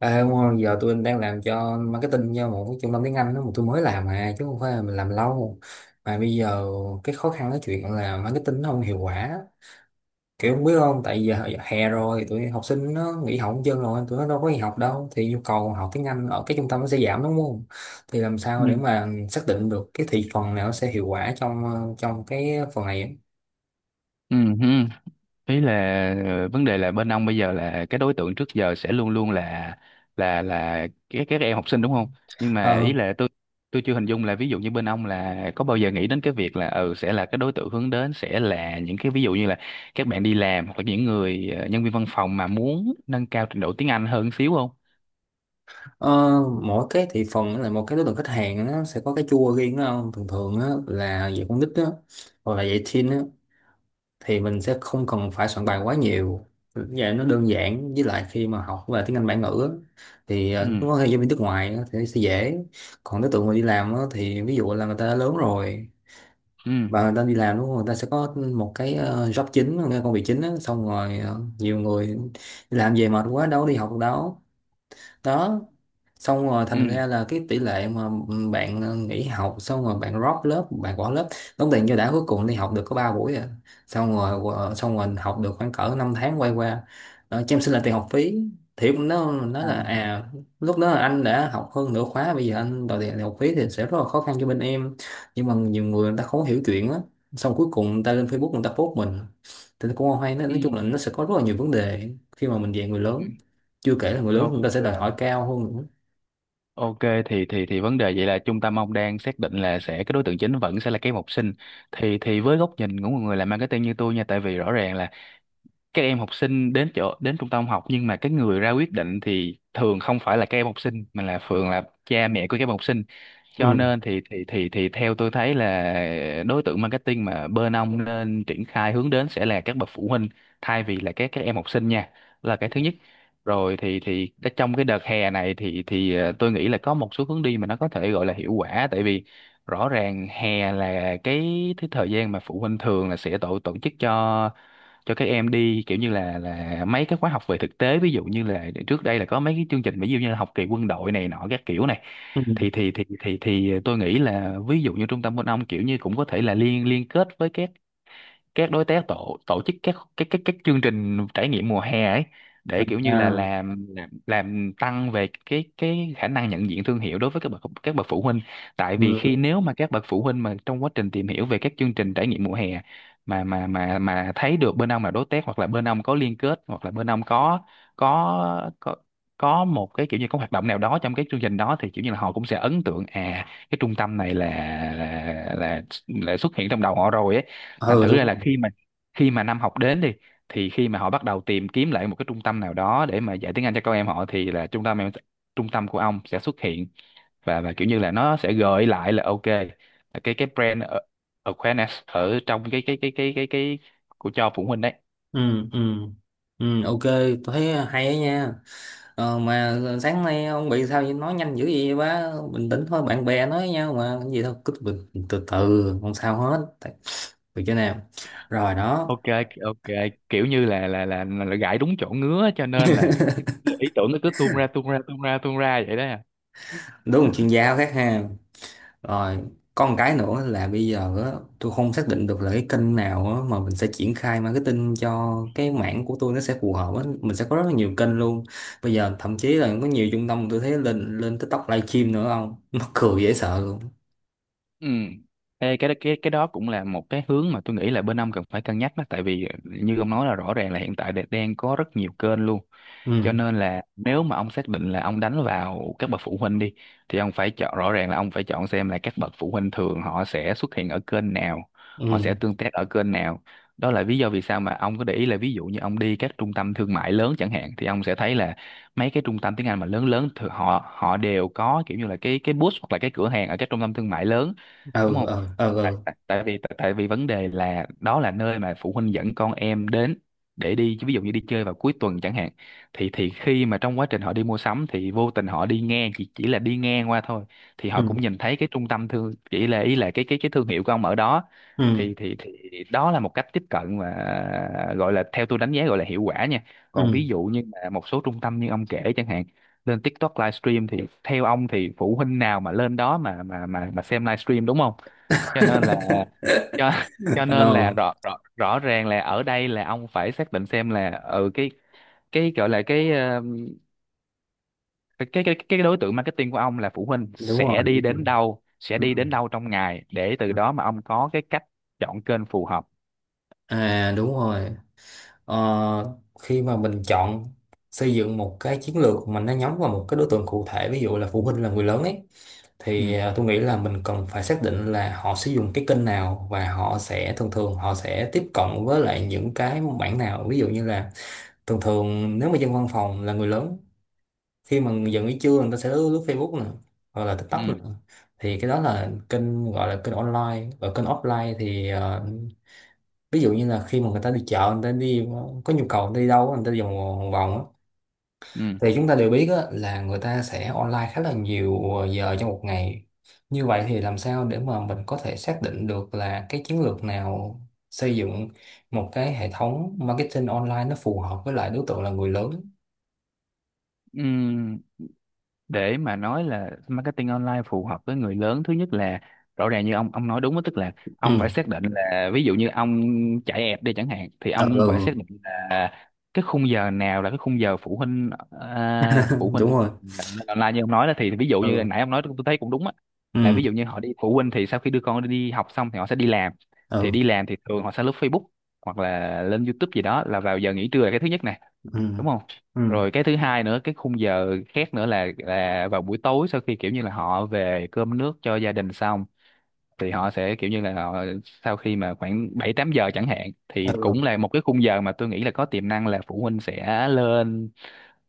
À, đúng rồi, giờ tôi đang làm cho marketing cho một cái trung tâm tiếng Anh đó mà tôi mới làm mà chứ không phải là mình làm lâu mà bây giờ cái khó khăn cái chuyện là marketing nó không hiệu quả, kiểu không biết không, tại giờ hè rồi tụi học sinh nó nghỉ học hết trơn rồi, tụi nó đâu có đi học đâu, thì nhu cầu học tiếng Anh ở cái trung tâm nó sẽ giảm đúng không? Thì làm Ừ. sao để mà xác định được cái thị phần nào nó sẽ hiệu quả trong cái phần này? Ừ, hứ. Ý là vấn đề là bên ông bây giờ là cái đối tượng trước giờ sẽ luôn luôn là các em học sinh, đúng không? Nhưng mà ý là tôi chưa hình dung là ví dụ như bên ông là có bao giờ nghĩ đến cái việc là sẽ là cái đối tượng hướng đến sẽ là những cái ví dụ như là các bạn đi làm hoặc là những người nhân viên văn phòng mà muốn nâng cao trình độ tiếng Anh hơn xíu không? Ờ, Mỗi cái thị phần là một cái đối tượng khách hàng nó sẽ có cái chua riêng đó không? Thường thường á, là dạy con nít á, hoặc là dạy teen á, thì mình sẽ không cần phải soạn bài quá nhiều. Dạ, nó đơn giản, với lại khi mà học về tiếng Anh bản ngữ á, thì Ừ. nó có hay giáo viên nước ngoài á, thì nó sẽ dễ. Còn đối tượng mà đi làm á, thì ví dụ là người ta đã lớn rồi Ừ. và người ta đi làm đúng không? Người ta sẽ có một cái job chính, một cái công việc chính á, xong rồi nhiều người đi làm về mệt quá đâu có đi học được đâu, đó, xong rồi Ừ. thành ra là cái tỷ lệ mà bạn nghỉ học, xong rồi bạn drop lớp, bạn bỏ lớp, đóng tiền cho đã, cuối cùng đi học được có 3 buổi à, xong rồi xong rồi học được khoảng cỡ 5 tháng quay qua, đó, cho em xin là tiền học phí, thì nó nói À. là, à, lúc đó là anh đã học hơn nửa khóa, bây giờ anh đòi tiền học phí thì sẽ rất là khó khăn cho bên em. Nhưng mà nhiều người, người ta không hiểu chuyện á, xong cuối cùng người ta lên Facebook người ta post mình, thì nó cũng không hay. nói, nói Ừ. chung là nó sẽ có rất là nhiều vấn đề khi mà mình dạy người Ừ. lớn, chưa kể là người lớn chúng ta sẽ đòi Ok. hỏi cao hơn nữa. Ok, thì vấn đề vậy là trung tâm ông đang xác định là sẽ cái đối tượng chính vẫn sẽ là các em học sinh. Thì với góc nhìn của một người làm marketing như tôi nha, tại vì rõ ràng là các em học sinh đến chỗ đến trung tâm học, nhưng mà cái người ra quyết định thì thường không phải là các em học sinh mà là thường là cha mẹ của các em học sinh. Cho Ừ. nên thì theo tôi thấy là đối tượng marketing mà bên ông nên triển khai hướng đến sẽ là các bậc phụ huynh, thay vì là các em học sinh nha, là cái thứ nhất. Rồi trong cái đợt hè này thì tôi nghĩ là có một số hướng đi mà nó có thể gọi là hiệu quả, tại vì rõ ràng hè là cái thời gian mà phụ huynh thường là sẽ tổ tổ chức cho các em đi kiểu như là mấy cái khóa học về thực tế, ví dụ như là trước đây là có mấy cái chương trình ví dụ như là học kỳ quân đội này nọ các kiểu này. Ừ. Thì tôi nghĩ là ví dụ như trung tâm bên ông kiểu như cũng có thể là liên liên kết với các đối tác tổ tổ chức các chương trình trải nghiệm mùa hè ấy, để kiểu như là À. Làm tăng về cái khả năng nhận diện thương hiệu đối với các bậc phụ huynh. Tại vì khi Ừ, nếu mà các bậc phụ huynh mà trong quá trình tìm hiểu về các chương trình trải nghiệm mùa hè mà thấy được bên ông là đối tác, hoặc là bên ông có liên kết, hoặc là bên ông có có có một cái kiểu như có hoạt động nào đó trong cái chương trình đó, thì kiểu như là họ cũng sẽ ấn tượng, à cái trung tâm này là là là, là xuất hiện trong đầu họ rồi ấy. Thành ừ, thử đúng ra rồi. là khi mà năm học đến đi, thì khi mà họ bắt đầu tìm kiếm lại một cái trung tâm nào đó để mà dạy tiếng Anh cho con em họ, thì là trung tâm của ông sẽ xuất hiện. Và kiểu như là nó sẽ gợi lại là ok, là cái brand awareness ở trong cái của cho phụ huynh đấy. Ừ, ừ, ừ, ok, tôi thấy hay á nha. Mà sáng nay ông bị sao vậy, nói nhanh dữ vậy, quá bình tĩnh thôi, bạn bè nói với nhau mà, cái gì đâu, cứ bình, từ từ không sao hết. Từ chỗ nào rồi đó. Ok. Ok. Kiểu như là là gãi đúng chỗ ngứa, cho nên là cái ý tưởng nó cứ tuôn ra tuôn ra tuôn ra tuôn ra vậy đó. Đúng là chuyên gia khác ha. Rồi, có một cái nữa là bây giờ á, tôi không xác định được là cái kênh nào á, mà mình sẽ triển khai marketing cho cái mảng của tôi nó sẽ phù hợp á. Mình sẽ có rất là nhiều kênh luôn. Bây giờ thậm chí là có nhiều trung tâm tôi thấy lên lên TikTok livestream nữa không? Mắc cười dễ sợ luôn. Ừ. Ê, cái đó cũng là một cái hướng mà tôi nghĩ là bên ông cần phải cân nhắc đó, tại vì như ông nói là rõ ràng là hiện tại đang có rất nhiều kênh luôn. Cho Ừ, nên là nếu mà ông xác định là ông đánh vào các bậc phụ huynh đi, thì ông phải chọn, rõ ràng là ông phải chọn xem là các bậc phụ huynh thường họ sẽ xuất hiện ở kênh nào, họ ừ, sẽ tương tác ở kênh nào. Đó là lý do vì sao mà ông có để ý là ví dụ như ông đi các trung tâm thương mại lớn chẳng hạn, thì ông sẽ thấy là mấy cái trung tâm tiếng Anh mà lớn lớn thì họ họ đều có kiểu như là cái booth hoặc là cái cửa hàng ở các trung tâm thương mại lớn, đúng ừ, không? ừ, ừ, Tại ừ, tại, tại vì vấn đề là đó là nơi mà phụ huynh dẫn con em đến, để đi ví dụ như đi chơi vào cuối tuần chẳng hạn. Thì khi mà trong quá trình họ đi mua sắm thì vô tình họ đi ngang, chỉ là đi ngang qua thôi, thì họ ừ, cũng nhìn thấy cái trung tâm thương, chỉ là ý là cái thương hiệu của ông ở đó. ừ. Thì đó là một cách tiếp cận mà gọi là theo tôi đánh giá gọi là hiệu quả nha. Còn Ừ. ví dụ như là một số trung tâm như ông kể chẳng hạn, lên TikTok livestream, thì theo ông thì phụ huynh nào mà lên đó mà xem livestream, đúng không? Cho nên là cho cho nên là Ờ, rõ rõ rõ ràng là ở đây là ông phải xác định xem là ừ cái gọi là cái đối tượng marketing của ông là phụ huynh đúng rồi, sẽ đi đúng rồi. đến đâu, Ừ. Trong ngày, để từ Ừ. đó mà ông có cái cách chọn kênh phù hợp. À, đúng rồi. Ờ, khi mà mình chọn xây dựng một cái chiến lược mà nó nhắm vào một cái đối tượng cụ thể, ví dụ là phụ huynh là người lớn ấy, thì Ừ. Tôi nghĩ là mình cần phải xác định là họ sử dụng cái kênh nào, và họ sẽ thường thường họ sẽ tiếp cận với lại những cái mảng nào. Ví dụ như là, thường thường nếu mà dân văn phòng là người lớn, khi mà giận nghỉ trưa người ta sẽ lướt Facebook nè, hoặc là TikTok nè, Ừ. thì cái đó là kênh, gọi là kênh online. Và kênh offline thì ví dụ như là khi mà người ta đi chợ, người ta đi có nhu cầu, người ta đi đâu người ta đi vòng vòng á, Ừ. thì chúng ta đều biết á, là người ta sẽ online khá là nhiều giờ trong một ngày. Như vậy thì làm sao để mà mình có thể xác định được là cái chiến lược nào xây dựng một cái hệ thống marketing online nó phù hợp với lại đối tượng là người lớn? Ừ. Để mà nói là marketing online phù hợp với người lớn, thứ nhất là rõ ràng như ông nói đúng đó, tức là Ừ. ông phải xác định là ví dụ như ông chạy app đi chẳng hạn, thì ông Ừ. phải xác định là cái khung giờ nào là cái khung giờ phụ huynh, Ừ. à, phụ huynh Đúng rồi. là lên online như ông nói đó. Thì ví dụ như Ừ. nãy ông nói tôi thấy cũng đúng á, là Ừ. ví dụ như họ đi, phụ huynh thì sau khi đưa con đi học xong thì họ sẽ đi làm. Thì Ừ. đi làm thì thường họ sẽ lướt Facebook hoặc là lên YouTube gì đó là vào giờ nghỉ trưa, là cái thứ nhất nè, đúng không? Ừ. Rồi cái thứ hai nữa, cái khung giờ khác nữa là vào buổi tối, sau khi kiểu như là họ về cơm nước cho gia đình xong, thì họ sẽ kiểu như là họ, sau khi mà khoảng 7-8 giờ chẳng hạn, thì cũng Ừ. là một cái khung giờ mà tôi nghĩ là có tiềm năng là phụ huynh sẽ lên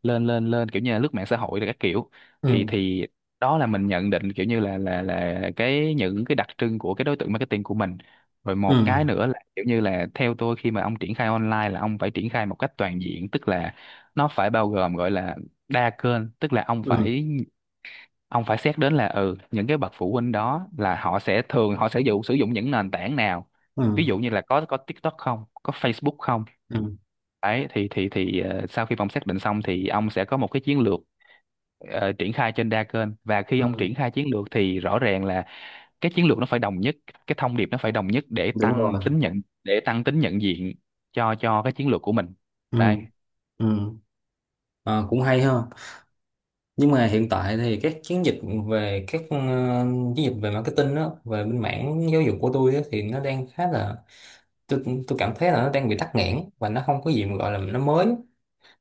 lên lên lên kiểu như là lướt mạng xã hội là các kiểu. Ừ. Thì đó là mình nhận định kiểu như là cái những cái đặc trưng của cái đối tượng marketing của mình. Rồi Ừ. một Ừ. cái nữa là kiểu như là theo tôi khi mà ông triển khai online là ông phải triển khai một cách toàn diện, tức là nó phải bao gồm, gọi là đa kênh, tức là Ừ. Ông phải xét đến là ừ những cái bậc phụ huynh đó là họ sẽ thường họ sẽ dụ sử dụng những nền tảng nào, Ừ. ví dụ như là có TikTok không, có Facebook không. Ừ. Đấy thì sau khi ông xác định xong thì ông sẽ có một cái chiến lược, triển khai trên đa kênh. Và khi ông Ừ. triển khai chiến lược thì rõ ràng là cái chiến lược nó phải đồng nhất, cái thông điệp nó phải đồng nhất, Đúng rồi. Để tăng tính nhận diện cho cái chiến lược của mình. Ừ. Đây. Ừ. Ờ, cũng hay ha. Nhưng mà hiện tại thì các chiến dịch về các chiến dịch về marketing đó, về bên mảng giáo dục của tôi á, thì nó đang khá là, tôi cảm thấy là nó đang bị tắc nghẽn và nó không có gì mà gọi là nó mới.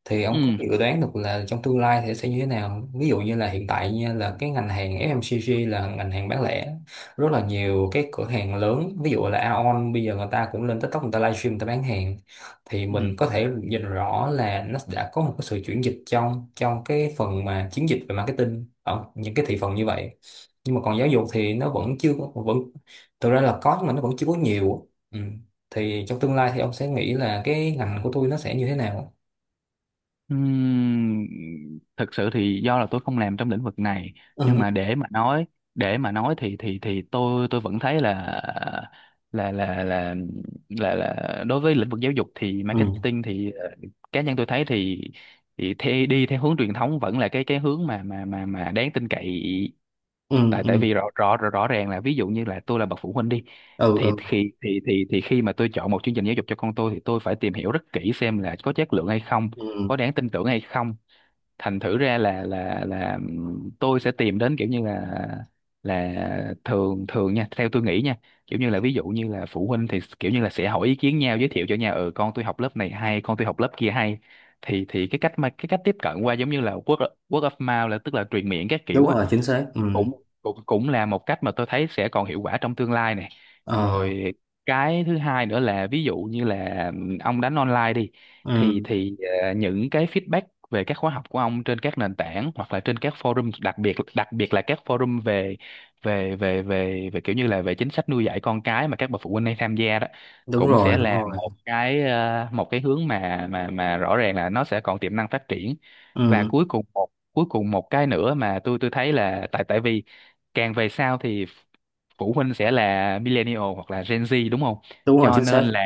Thì ông có Ừ. dự đoán được là trong tương lai thì sẽ như thế nào không? Ví dụ như là hiện tại nha, là cái ngành hàng FMCG là ngành hàng bán lẻ, rất là nhiều cái cửa hàng lớn, ví dụ là Aeon bây giờ người ta cũng lên TikTok người ta livestream người ta bán hàng, thì Ừ. mình có thể nhìn rõ là nó đã có một cái sự chuyển dịch trong trong cái phần mà chiến dịch về marketing ở những cái thị phần như vậy. Nhưng mà còn giáo dục thì nó vẫn chưa có- vẫn thực ra là có, nhưng mà nó vẫn chưa có nhiều. Ừ. Thì trong tương lai thì ông sẽ nghĩ là cái ngành của tôi nó sẽ như thế nào? Ừm, Thực sự thì do là tôi không làm trong lĩnh vực này, nhưng mà để mà nói để mà nói thì tôi vẫn thấy là là là là đối với lĩnh vực giáo dục thì Ừ. marketing thì cá nhân tôi thấy thì đi theo hướng truyền thống vẫn là cái hướng mà đáng tin cậy. Ừ. Tại tại Ừ. vì rõ ràng là, ví dụ như là tôi là bậc phụ huynh đi, Ừ. Ừ. Thì khi mà tôi chọn một chương trình giáo dục cho con tôi thì tôi phải tìm hiểu rất kỹ xem là có chất lượng hay không, Ừ. có đáng tin tưởng hay không. Thành thử ra là tôi sẽ tìm đến kiểu như là, thường thường nha, theo tôi nghĩ nha, kiểu như là ví dụ như là phụ huynh thì kiểu như là sẽ hỏi ý kiến nhau, giới thiệu cho nhau, ừ, con tôi học lớp này hay con tôi học lớp kia hay, thì cái cách mà cái cách tiếp cận qua giống như là word of mouth, là tức là truyền miệng các Đúng kiểu á, rồi, chính thì xác. Ừ. cũng cũng cũng là một cách mà tôi thấy sẽ còn hiệu quả trong tương lai này. Ờ. Rồi cái thứ hai nữa là ví dụ như là ông đánh online đi, Ừ. thì những cái feedback về các khóa học của ông trên các nền tảng hoặc là trên các forum, đặc biệt là các forum về về về về về kiểu như là về chính sách nuôi dạy con cái mà các bậc phụ huynh hay tham gia đó, Đúng cũng rồi, sẽ đúng là rồi. một cái một cái hướng mà rõ ràng là nó sẽ còn tiềm năng phát triển. Và Ừ. Cuối cùng một cái nữa mà tôi thấy là, tại tại vì càng về sau thì phụ huynh sẽ là millennial hoặc là Gen Z đúng không? Đúng rồi, Cho chính nên xác. là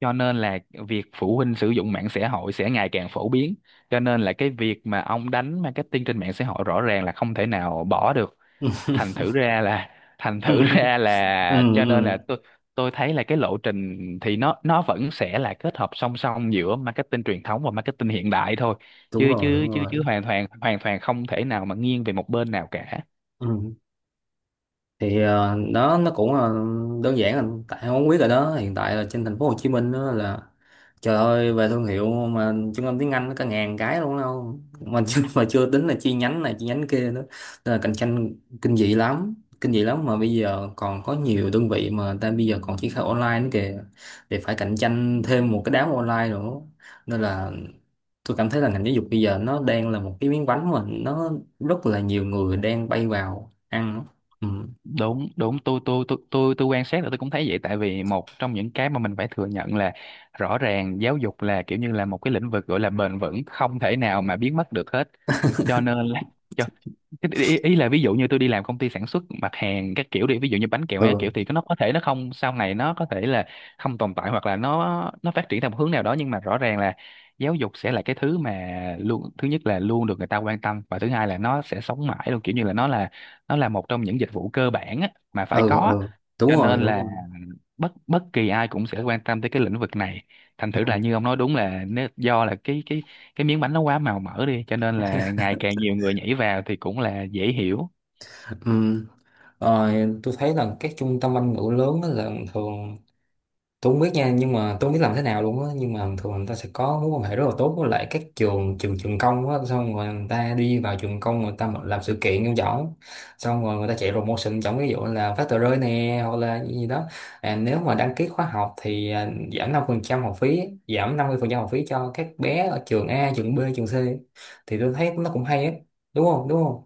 cho nên là việc phụ huynh sử dụng mạng xã hội sẽ ngày càng phổ biến. Cho nên là cái việc mà ông đánh marketing trên mạng xã hội rõ ràng là không thể nào bỏ được. Thành thử ra là thành Ừ. thử ra Ừ. là cho nên là tôi thấy là cái lộ trình thì nó vẫn sẽ là kết hợp song song giữa marketing truyền thống và marketing hiện đại thôi. Đúng Chứ rồi, chứ đúng chứ rồi. chứ hoàn toàn không thể nào mà nghiêng về một bên nào cả. Ừ. Thì đó nó cũng, đơn giản anh, tại em không biết rồi đó, hiện tại là trên thành phố Hồ Chí Minh đó là, trời ơi, về thương hiệu mà trung tâm tiếng Anh nó cả ngàn cái luôn, đâu mà chưa tính là chi nhánh này chi nhánh kia nữa, nên là cạnh tranh kinh dị lắm, kinh dị lắm. Mà bây giờ còn có nhiều đơn vị mà người ta bây giờ còn triển khai online nữa kìa, thì phải cạnh tranh thêm một cái đám online nữa. Nên là tôi cảm thấy là ngành giáo dục bây giờ nó đang là một cái miếng bánh mà nó rất là nhiều người đang bay vào ăn. Ừ. Đúng đúng, tôi quan sát là tôi cũng thấy vậy, tại vì một trong những cái mà mình phải thừa nhận là rõ ràng giáo dục là kiểu như là một cái lĩnh vực gọi là bền vững, không thể nào mà biến mất được hết, cho nên là cho cái ý là ví dụ như tôi đi làm công ty sản xuất mặt hàng các kiểu đi, ví dụ như bánh kẹo hay các Ừ. kiểu, thì nó có thể nó không sau này nó có thể là không tồn tại hoặc là nó phát triển theo một hướng nào đó, nhưng mà rõ ràng là giáo dục sẽ là cái thứ mà luôn, thứ nhất là luôn được người ta quan tâm, và thứ hai là nó sẽ sống mãi luôn, kiểu như là nó là nó là một trong những dịch vụ cơ bản á, mà phải Ừ. có á. Ừ. Đúng Cho rồi, nên đúng là rồi. bất bất kỳ ai cũng sẽ quan tâm tới cái lĩnh vực này. Thành thử là Ừ. như ông nói đúng là nếu, do là cái cái miếng bánh nó quá màu mỡ đi cho nên là ngày càng nhiều người nhảy vào thì cũng là dễ hiểu. Ừ. Ờ, tôi thấy là các trung tâm Anh ngữ lớn á, là thường, tôi không biết nha, nhưng mà tôi không biết làm thế nào luôn á, nhưng mà thường người ta sẽ có mối quan hệ rất là tốt với lại các trường trường trường công á, xong rồi người ta đi vào trường công người ta mà làm sự kiện trong võng, xong rồi người ta chạy promotion, trong ví dụ là phát tờ rơi nè, hoặc là gì gì đó, à, nếu mà đăng ký khóa học thì à, giảm 50% học phí, giảm 50% học phí cho các bé ở trường A, trường B, trường C, thì tôi thấy nó cũng hay á, đúng không, đúng không?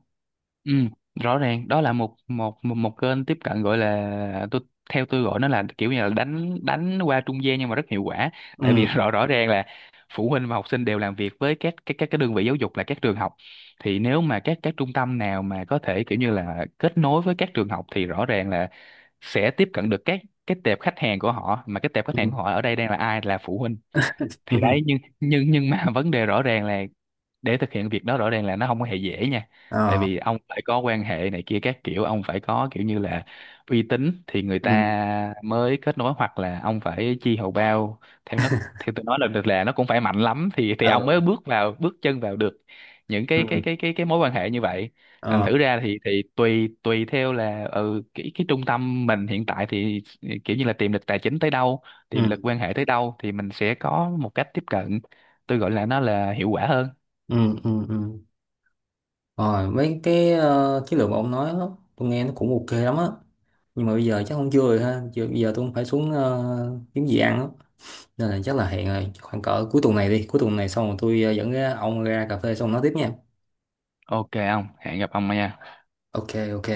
Ừ, rõ ràng đó là một kênh tiếp cận gọi là tôi, theo tôi gọi nó là kiểu như là đánh đánh qua trung gian nhưng mà rất hiệu quả, tại vì Ừ. rõ rõ ràng là phụ huynh và học sinh đều làm việc với các cái đơn vị giáo dục là các trường học, thì nếu mà các trung tâm nào mà có thể kiểu như là kết nối với các trường học thì rõ ràng là sẽ tiếp cận được các cái tệp khách hàng của họ, mà cái tệp khách hàng Ừ. của họ ở đây đang là ai, là phụ huynh. Thì đấy, Ừ. nhưng mà vấn đề rõ ràng là để thực hiện việc đó rõ ràng là nó không có hề dễ nha, tại Ờ. vì ông phải có quan hệ này kia các kiểu, ông phải có kiểu như là uy tín thì người Ừ. ta mới kết nối, hoặc là ông phải chi hầu bao theo nó, theo tôi nói là được là nó cũng phải mạnh lắm thì Ờ. ông mới bước vào bước chân vào được những cái cái Ừ. cái cái cái mối quan hệ như vậy. Thành Ờ. thử ra thì tùy tùy theo là cái trung tâm mình hiện tại thì kiểu như là tiềm lực tài chính tới đâu, tiềm Ừ. lực quan hệ tới đâu thì mình sẽ có một cách tiếp cận tôi gọi là nó là hiệu quả hơn. Ừ. Ừ. Ừ. Rồi mấy cái chiến lược mà ông nói đó, tôi nghe nó cũng ok lắm á, nhưng mà bây giờ chắc không, chưa rồi ha, bây giờ tôi cũng phải xuống kiếm gì ăn á, nên là chắc là hẹn rồi khoảng cỡ cuối tuần này đi, cuối tuần này xong rồi tôi dẫn ra ông ra cà phê xong nói tiếp nha. Ok ông, hẹn gặp ông nha. Ok. Ok.